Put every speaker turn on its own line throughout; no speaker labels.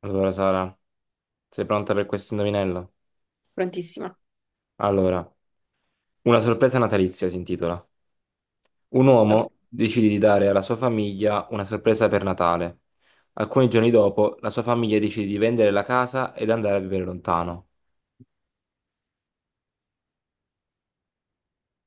Allora, Sara, sei pronta per questo indovinello?
Prontissima.
Allora, una sorpresa natalizia si intitola. Un
Ok.
uomo decide di dare alla sua famiglia una sorpresa per Natale. Alcuni giorni dopo, la sua famiglia decide di vendere la casa ed andare a vivere lontano.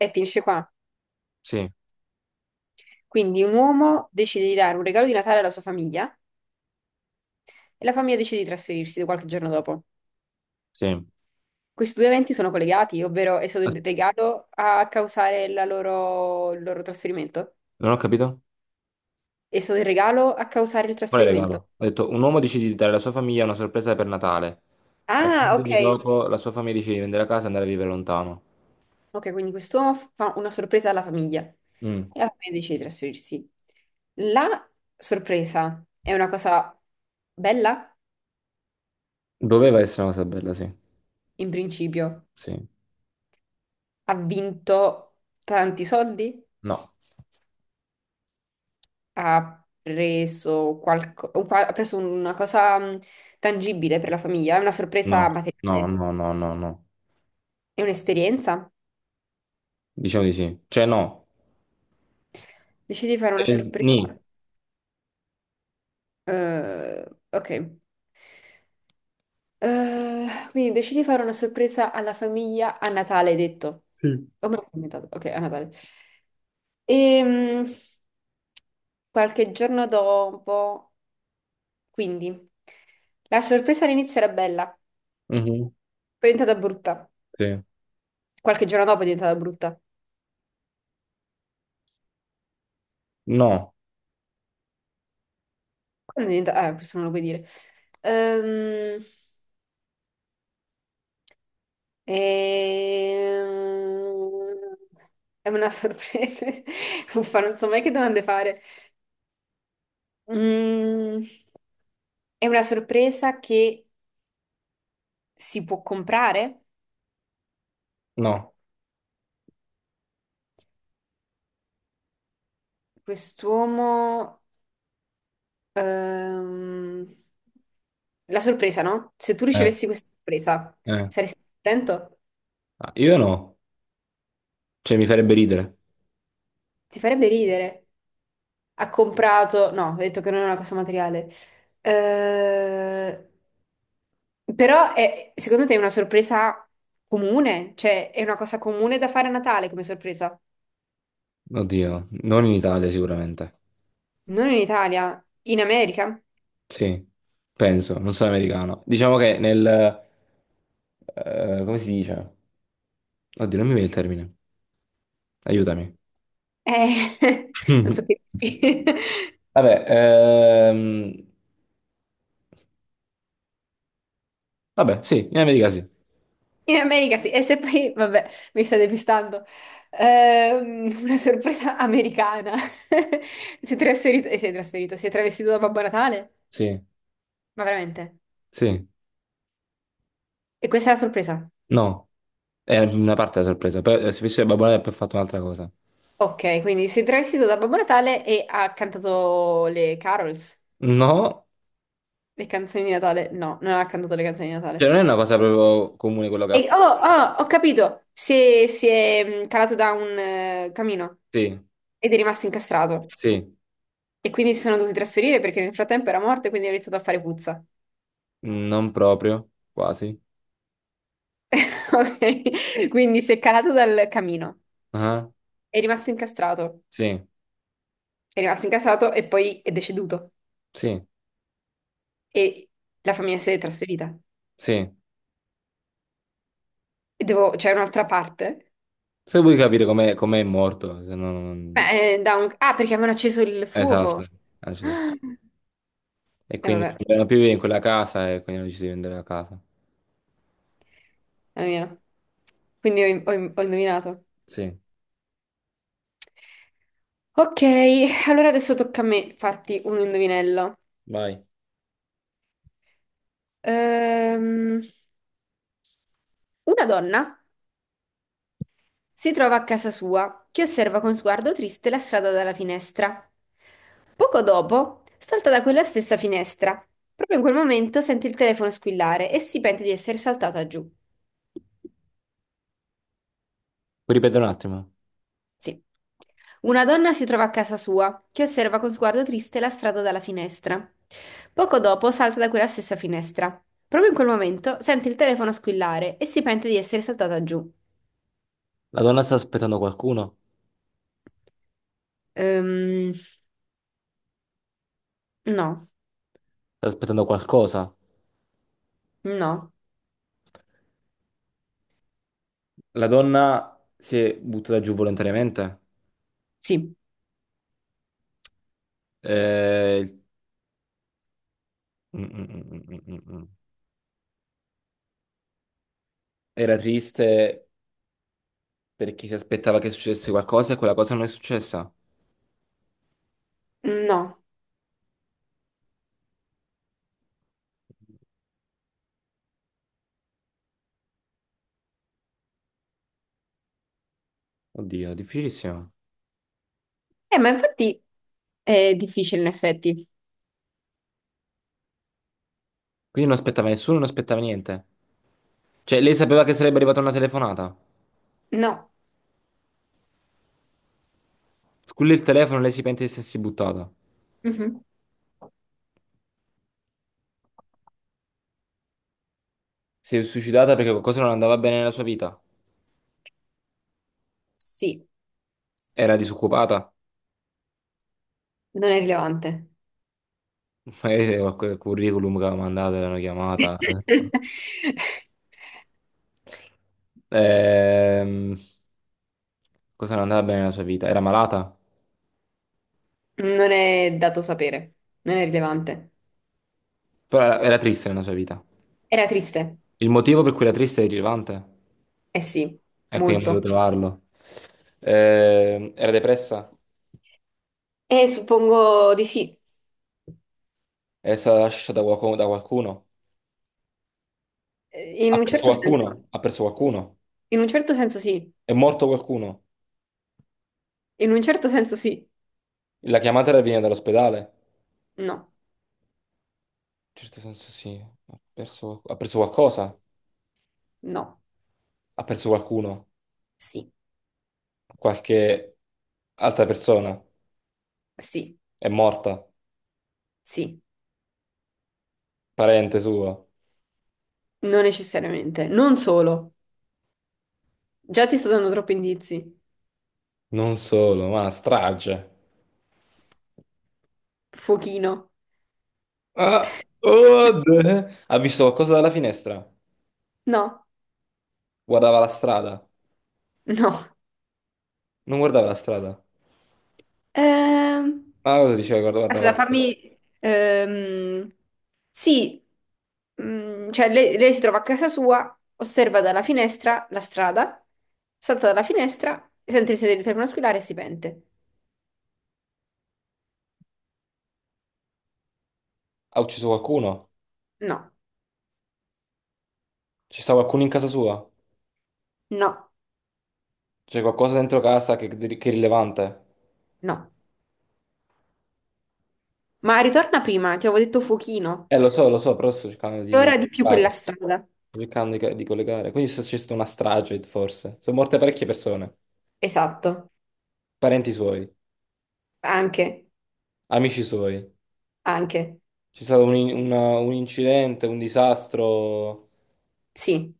E finisce qua.
Sì,
Quindi un uomo decide di dare un regalo di Natale alla sua famiglia e la famiglia decide di trasferirsi qualche giorno dopo.
sì.
Questi due eventi sono collegati, ovvero è stato
Ah,
il regalo a causare il loro trasferimento.
non ho capito?
È stato il regalo a causare il
Qual è il
trasferimento.
regalo? Ho detto, un uomo decide di dare alla sua famiglia una sorpresa per Natale. Alcuni
Ah, ok.
giorni dopo, la sua famiglia decide di vendere la casa e andare a vivere lontano.
Ok, quindi quest'uomo fa una sorpresa alla famiglia
Mm.
e la famiglia decide di trasferirsi. La sorpresa è una cosa bella,
Doveva essere una cosa bella, sì.
in principio.
Sì.
Ha vinto tanti soldi,
No.
ha preso, ha preso una cosa tangibile per la famiglia, è una sorpresa
No, no,
materiale,
no, no, no, no.
è un'esperienza.
Diciamo di sì. Cioè no.
Decidi di fare una sorpresa.
Ni.
Ok. Eh, quindi decidi di fare una sorpresa alla famiglia a Natale, hai detto. O me l'ho inventato. Ok, a Natale. E, qualche giorno dopo, quindi, la sorpresa all'inizio era bella.
Mhm.
Poi è diventata brutta.
Sì.
Qualche giorno dopo è diventata brutta.
No,
Quando è diventata... questo non lo puoi dire. Ehm, ehm, È una sorpresa. Uffa, non so mai che domande fare. Mm, È una sorpresa che si può comprare?
no.
Quest'uomo... ehm, La sorpresa, no? Se tu
Eh,
ricevessi questa sorpresa,
eh.
saresti contento?
Ah, io no. Cioè mi farebbe ridere.
Ti farebbe ridere. Ha comprato, no, ho detto che non è una cosa materiale. Eh, però secondo te è una sorpresa comune? Cioè, è una cosa comune da fare a Natale come sorpresa?
Oddio, non in Italia sicuramente.
Non in Italia, in America?
Sì, penso, non sono americano. Diciamo che nel... come si dice? Oddio, non mi viene il termine. Aiutami.
Eh, non so che.
Vabbè, vabbè, sì, in America sì.
In America sì, e se poi, vabbè, mi sta depistando. Una sorpresa americana. Si è travestito da Babbo Natale?
Sì,
Ma veramente?
sì.
E questa è la sorpresa?
No. È una parte della sorpresa. Poi, se fosse Babbo Natale, poi ha fatto un'altra cosa.
Ok, quindi si è travestito da Babbo Natale e ha cantato le carols,
No,
le canzoni di Natale. No, non ha cantato le canzoni di Natale.
cioè non è una cosa proprio comune quello che ha
E,
fatto.
oh, oh, ho capito! Si è calato da un camino
Sì,
ed è rimasto incastrato.
sì,
E quindi si sono dovuti trasferire perché nel frattempo era morto e quindi ha iniziato a fare puzza.
non proprio, quasi.
Ok, quindi si è calato dal camino,
Ah,
è rimasto incastrato,
sì,
è rimasto incastrato e poi è deceduto.
sì,
E la famiglia si è trasferita.
sì.
E devo, c'è un'altra parte.
Se vuoi capire com'è morto, se no non...
Beh, Ah, perché avevano acceso il
Esatto.
fuoco.
Ah, ci sei fu- E
Ah, e
quindi non
vabbè,
potevano più vivere in quella casa e quindi hanno deciso di vendere la casa.
la mia. Quindi ho indovinato.
Sì,
Ok, allora adesso tocca a me farti un indovinello.
vai.
Ehm, una donna si trova a casa sua che osserva con sguardo triste la strada dalla finestra. Poco dopo salta da quella stessa finestra. Proprio in quel momento sente il telefono squillare e si pente di essere saltata giù.
Puoi ripetere un attimo?
Sì. Una donna si trova a casa sua, che osserva con sguardo triste la strada dalla finestra. Poco dopo salta da quella stessa finestra. Proprio in quel momento sente il telefono squillare e si pente di essere saltata giù.
La donna sta aspettando qualcuno?
Ehm, no,
Sta aspettando qualcosa?
no,
La donna si è buttata giù volontariamente?
sì,
Il- mm, mm, mm, mm, mm, mm. Era triste perché si aspettava che succedesse qualcosa e quella cosa non è successa.
no.
Oddio, difficilissimo.
Ma infatti è difficile in effetti.
Quindi non aspettava nessuno, non aspettava niente. Cioè, lei sapeva che sarebbe arrivata una telefonata.
No.
Sculla il telefono, lei si pente di essersi buttata.
Mhm.
Si è suicidata perché qualcosa non andava bene nella sua vita.
Sì,
Era disoccupata.
non è rilevante.
Magari qualche curriculum che aveva mandato, l'hanno chiamata. Ehm, Cosa non andava bene nella sua vita? Era malata?
Non è dato sapere, non è rilevante.
Però era triste nella sua vita.
Era triste.
Il motivo per cui era triste è rilevante.
Eh sì,
E quindi non potevo
molto.
trovarlo. Era depressa?
E suppongo di sì.
È stata lasciata da qualcuno? Da qualcuno?
In
Ha
un
perso
certo senso,
qualcuno? Ha perso qualcuno?
in un certo senso sì,
È morto qualcuno?
in un certo senso sì,
La chiamata era venuta dall'ospedale? In
no,
certo senso sì. Ha perso qualcosa?
no,
Ha perso qualcuno?
sì,
Qualche altra persona?
sì,
È morta?
sì,
Parente suo?
non necessariamente, non solo. Già ti sto dando troppi indizi.
Non solo, ma una strage.
Fuochino,
Ah, oh, d- ha visto qualcosa dalla finestra?
no,
Guardava la strada.
no.
Non guardava la strada.
Ehm,
Ma cosa diceva? Guarda, guarda,
Aspetta,
la- strada.
fammi. Sì, cioè lei, si trova a casa sua, osserva dalla finestra la strada, salta dalla finestra, sente il sedere di telefono squillare e si pente.
Ha ucciso qualcuno?
No,
Ci sta qualcuno in casa sua?
no,
C'è qualcosa dentro casa che è rilevante?
no. Ma ritorna prima, ti avevo detto fuochino.
Lo so, però sto cercando di
Allora di più quella
collegare.
strada.
Sto cercando di collegare. Quindi se c'è stata una strage, forse. Sono morte parecchie persone.
Esatto,
Parenti suoi,
anche,
amici suoi.
anche,
C'è stato un, in- una- un incidente, un disastro.
sì.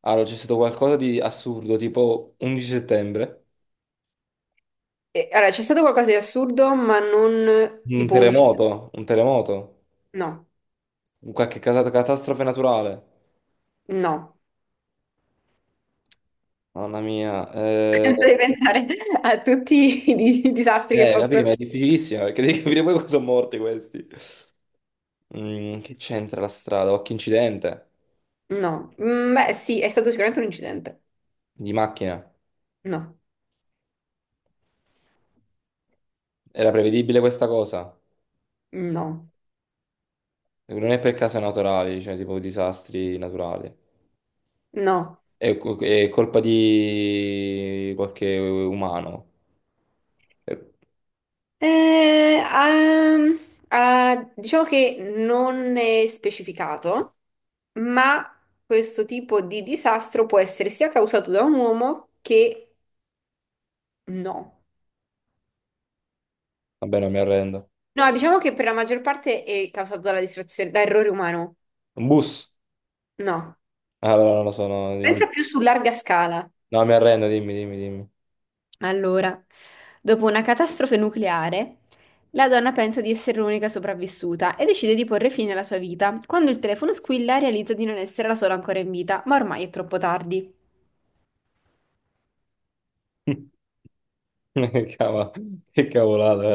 Allora, c'è stato qualcosa di assurdo, tipo 11 settembre.
E, allora, c'è stato qualcosa di assurdo, ma non
Un
tipo 11.
terremoto, un terremoto,
No,
un qualche cata- catastrofe naturale.
no.
Mamma mia.
Penso di pensare a tutti i disastri che
Capì,
possono.
ma è difficilissima perché devi capire poi cosa sono morti questi. Mm, che c'entra la strada? Qualche incidente
No. Beh sì, è stato sicuramente un incidente.
di macchina.
No,
Era prevedibile questa cosa?
no,
Non è per casi naturali, cioè tipo disastri naturali.
no.
È, co- è colpa di qualche umano. Eh,
Eh, ehm, diciamo che non è specificato, ma questo tipo di disastro può essere sia causato da un uomo che no.
Vabbè, non mi arrendo.
No, diciamo che per la maggior parte è causato dalla distrazione, da errore umano.
Un bus?
No.
Ah, no, non lo so, no,
Pensa
dimmi.
più su larga scala.
No, mi arrendo, dimmi, dimmi, dimmi.
Allora, dopo una catastrofe nucleare, la donna pensa di essere l'unica sopravvissuta e decide di porre fine alla sua vita. Quando il telefono squilla, realizza di non essere la sola ancora in vita, ma ormai è troppo tardi.
Cava- Che cavolata,